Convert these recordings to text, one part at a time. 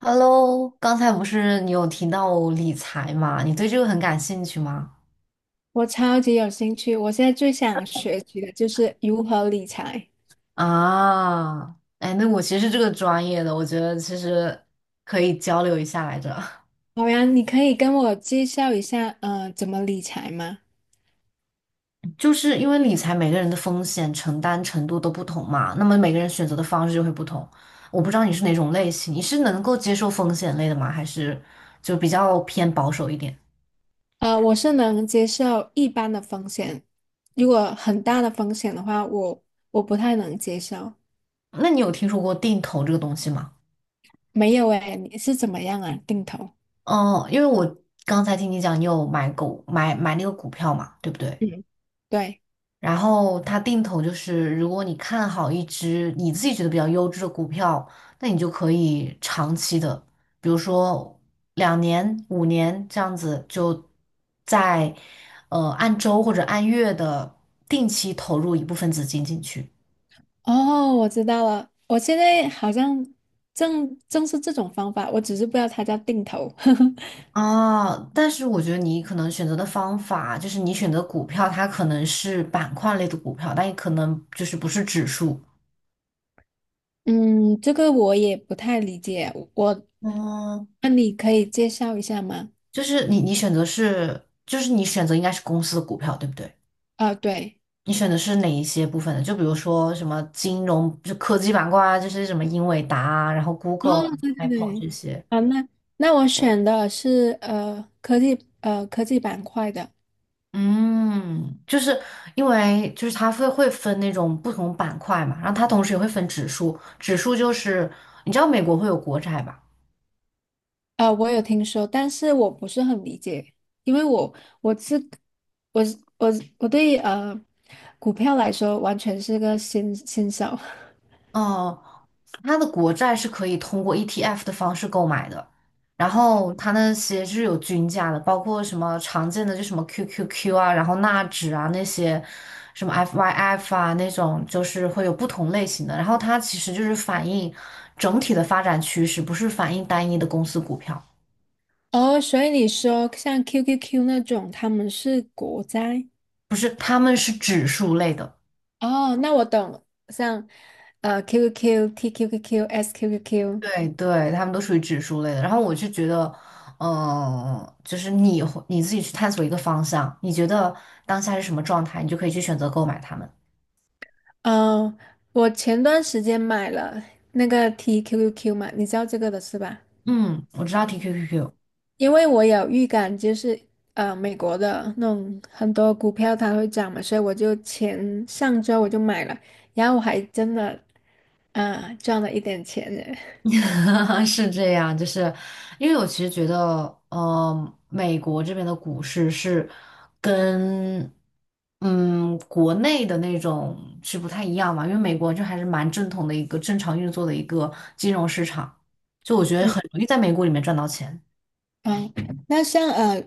Hello，刚才不是你有提到理财嘛？你对这个很感兴趣吗？我超级有兴趣，我现在最想学习的就是如何理财。啊，哎，那我其实是这个专业的，我觉得其实可以交流一下来着。好呀，你可以跟我介绍一下，怎么理财吗？就是因为理财每个人的风险承担程度都不同嘛，那么每个人选择的方式就会不同。我不知道你是哪种类型，你是能够接受风险类的吗？还是就比较偏保守一点？我是能接受一般的风险，如果很大的风险的话，我不太能接受。那你有听说过定投这个东西吗？没有诶，你是怎么样啊？定投？哦，因为我刚才听你讲，你有买那个股票嘛，对不对？嗯，对。然后它定投就是，如果你看好一只你自己觉得比较优质的股票，那你就可以长期的，比如说两年、五年这样子，就在按周或者按月的定期投入一部分资金进去。哦，我知道了，我现在好像正是这种方法，我只是不知道它叫定投。啊，但是我觉得你可能选择的方法，就是你选择股票，它可能是板块类的股票，但也可能就是不是指数。嗯，这个我也不太理解。我，嗯，那你可以介绍一下吗？就是你选择是，就是你选择应该是公司的股票，对不对？啊，对，你选的是哪一些部分的？就比如说什么金融，就科技板块啊，这些什么英伟达啊，然后 哦，Google 啊、对对 Apple 对，这些。啊，那我选的是科技板块的，嗯，就是因为就是它会分那种不同板块嘛，然后它同时也会分指数，指数就是你知道美国会有国债吧？啊，我有听说，但是我不是很理解，因为我是我对股票来说完全是个新手。哦，它的国债是可以通过 ETF 的方式购买的，然后它那些是有均价的，包括什么常见的就什么 QQQ 啊，然后纳指啊那些，什么 FYF 啊那种，就是会有不同类型的。然后它其实就是反映整体的发展趋势，不是反映单一的公司股票。哦，所以你说像 QQQ 那种，他们是国债？不是，他们是指数类的。哦，那我懂了，像QQQ、TQQQ、SQQQ。对对，他们都属于指数类的。然后我就觉得，就是你会你自己去探索一个方向，你觉得当下是什么状态，你就可以去选择购买它们。哦，我前段时间买了那个 TQQQ 嘛，你知道这个的是吧？嗯，我知道 TQQQ。 因为我有预感，就是美国的那种很多股票它会涨嘛，所以我就前上周我就买了，然后我还真的赚了一点钱呢。是这样，就是因为我其实觉得，美国这边的股市是跟国内的那种是不太一样嘛，因为美国就还是蛮正统的一个正常运作的一个金融市场，就我觉得嗯，很容易在美股里面赚到钱。哦，那像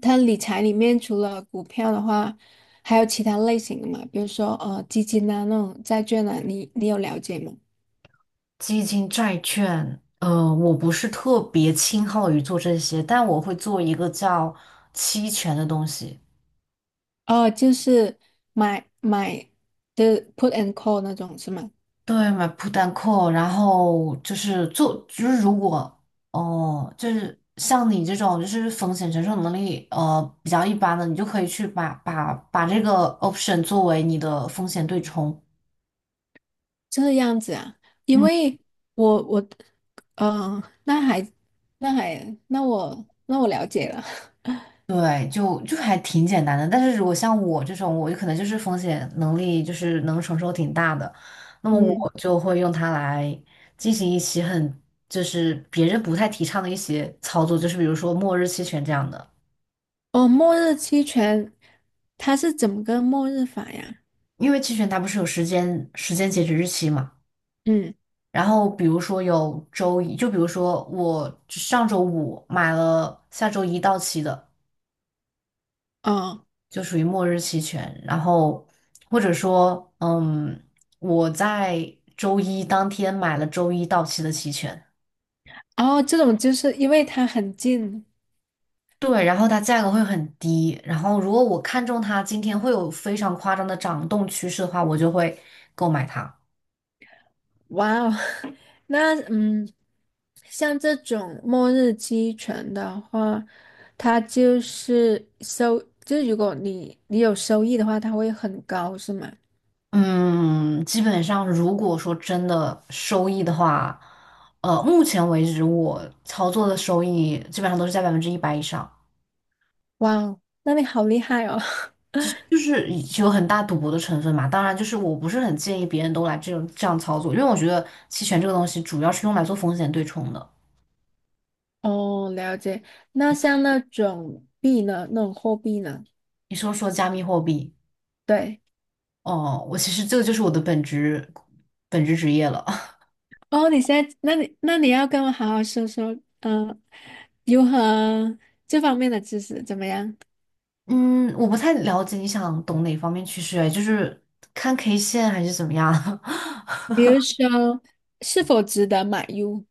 它理财里面除了股票的话，还有其他类型的嘛？比如说基金啊那种债券啊，你有了解吗？基金、债券，我不是特别倾好于做这些，但我会做一个叫期权的东西。哦，就是买的 put and call 那种是吗？对，买 put and call，然后就是做，就是如果哦，就是像你这种就是风险承受能力比较一般的，你就可以去把这个 option 作为你的风险对冲。这样子啊，因嗯。为我我呃，那还那我了解了，对，就还挺简单的。但是如果像我这种，我就可能就是风险能力就是能承受挺大的，那 么嗯，我就会用它来进行一些很就是别人不太提倡的一些操作，就是比如说末日期权这样的，哦，末日期权它是怎么个末日法呀？因为期权它不是有时间截止日期嘛。嗯，然后比如说有周一，就比如说我上周五买了下周一到期的。哦，就属于末日期权。然后或者说，我在周一当天买了周一到期的期权，哦，这种就是因为它很近。对，然后它价格会很低。然后如果我看中它今天会有非常夸张的涨动趋势的话，我就会购买它。哇哦，那嗯，像这种末日期犬的话，它就是收，就是如果你有收益的话，它会很高，是吗？嗯，基本上如果说真的收益的话，目前为止我操作的收益基本上都是在100%以上。哇哦，那你好厉害哦！就是有很大赌博的成分嘛。当然，就是我不是很建议别人都来这种这样操作，因为我觉得期权这个东西主要是用来做风险对冲的。哦，了解。那像那种币呢，那种货币呢？你说说加密货币。对。哦，我其实这个就是我的本职职业了。哦，你现在，那你要跟我好好说说，如何这方面的知识怎么样？嗯，我不太了解你想懂哪方面趋势，哎，就是看 K 线还是怎么样？比如说，是否值得买入？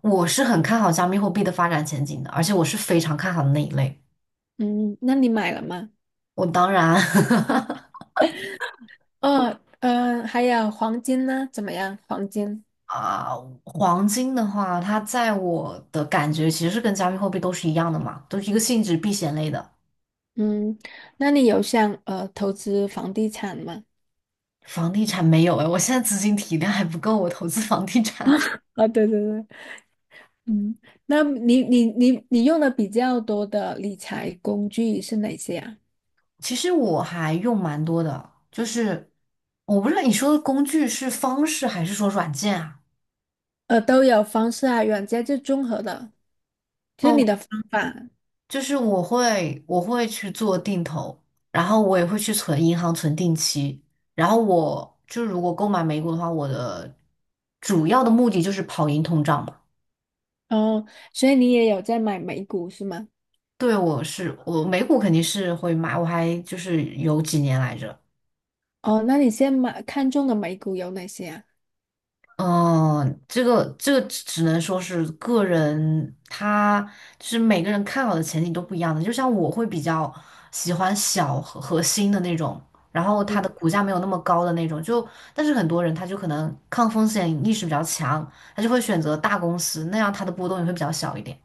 我是很看好加密货币的发展前景的，而且我是非常看好的那一类。嗯，那你买了吗？我当然。哦，还有黄金呢？怎么样？黄金？啊，黄金的话，它在我的感觉其实是跟加密货币都是一样的嘛，都是一个性质避险类的。嗯，那你有想投资房地产吗？房地产没有哎，我现在资金体量还不够，我投资房地产。啊、对对对，嗯，那你用的比较多的理财工具是哪些啊？其实我还用蛮多的，就是我不知道你说的工具是方式还是说软件啊？都有方式啊，软件就综合的，就那是你我的方法。就是我会去做定投，然后我也会去存银行存定期。然后我就如果购买美股的话，我的主要的目的就是跑赢通胀嘛。哦，所以你也有在买美股是吗？对，我是我美股肯定是会买，我还就是有几年来着。哦，那你现在买看中的美股有哪些啊？嗯，这个这个只能说是个人，他就是每个人看好的前景都不一样的。就像我会比较喜欢小和核心的那种，然后它的股价没有那么高的那种。就但是很多人他就可能抗风险意识比较强，他就会选择大公司，那样它的波动也会比较小一点。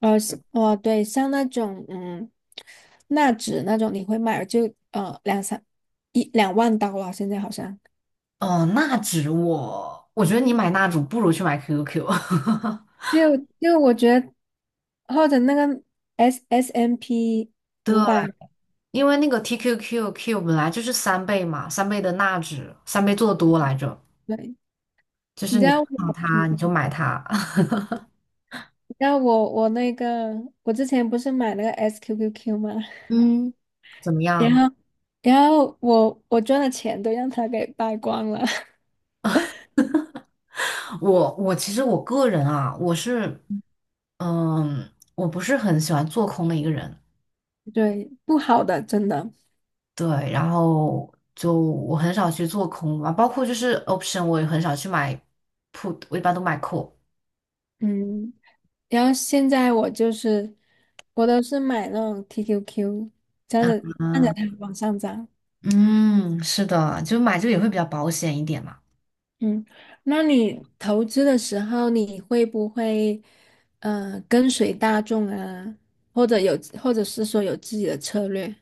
像哦，对，像那种嗯，纳指那种，你会买就两三一两万刀啊，现在好像。哦，纳指我觉得你买纳指不如去买 QQQ。因为我觉得或者那个 SSMP 对，500，因为那个 TQQQ 本来就是三倍嘛，三倍的纳指，三倍做多来着，对，就你是知你道看到我，它嗯你就买它。你知道我那个我之前不是买那个 SQQQ 吗？嗯，怎么 然样？后我赚的钱都让他给败光了，我其实我个人啊，我是，我不是很喜欢做空的一个人，对，不好的真的，对，然后就我很少去做空嘛，包括就是 option 我也很少去买 put，我一般都买 call。嗯。然后现在我都是买那种 TQQ，这样子按着嗯它往上涨。嗯，是的，就买这个也会比较保险一点嘛。嗯，那你投资的时候，你会不会跟随大众啊，或者是说有自己的策略？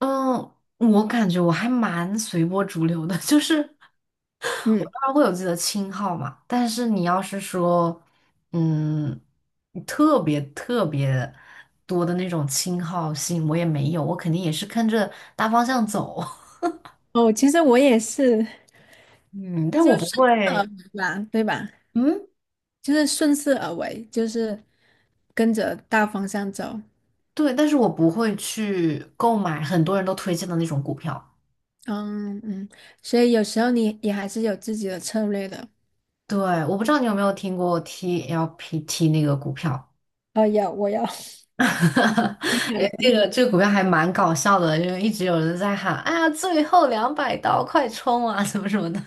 嗯，我感觉我还蛮随波逐流的。就是我当嗯，然会有自己的亲号嘛，但是你要是说，嗯，特别特别多的那种亲好性，我也没有，我肯定也是跟着大方向走。哦，其实我也是，嗯，但就我不顺势而为会，吧，对吧？嗯，就是顺势而为，就是跟着大方向走。对，但是我不会去购买很多人都推荐的那种股票。嗯嗯，所以有时候你也还是有自己的策略的。对，我不知道你有没有听过 TLPT 那个股票。哦，有，我有。买哎，了这个这个股票还蛮搞笑的，因为一直有人在喊啊，最后两百刀，快冲啊，什么什么的。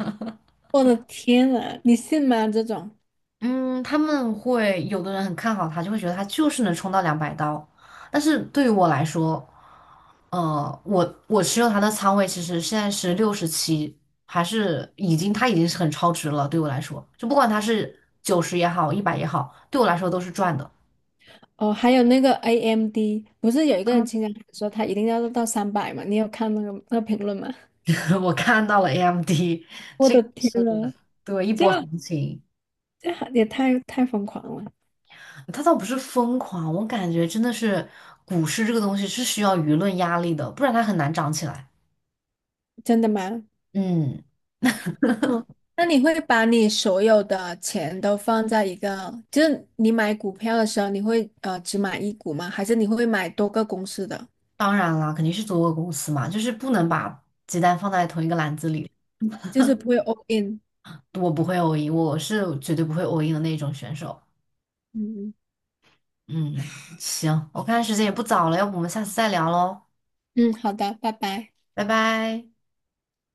我的天呐，你信吗？这种嗯，他们会有的人很看好它，就会觉得它就是能冲到两百刀。但是对于我来说，我持有它的仓位其实现在是67，还是已经它已经是很超值了。对我来说，就不管它是90也好，一百也好，对我来说都是赚的。哦，还有那个 AMD，不是有一个人经常说他一定要到300嘛？你有看那个评论吗？我看到了 AMD，我的天是的，呐，对，一这波行情。这也太疯狂了，他倒不是疯狂，我感觉真的是股市这个东西是需要舆论压力的，不然它很难涨起来。真的吗？嗯，哦，那你会把你所有的钱都放在一个，就是你买股票的时候，你会只买一股吗？还是你会买多个公司的？当然啦，肯定是做个公司嘛，就是不能把鸡蛋放在同一个篮子里。就是不会 all in。我不会 a 赢，我是绝对不会 a 赢的那种选手。嗯嗯，行，我看时间也不早了，要不我们下次再聊喽，嗯嗯，好的，拜拜。拜拜。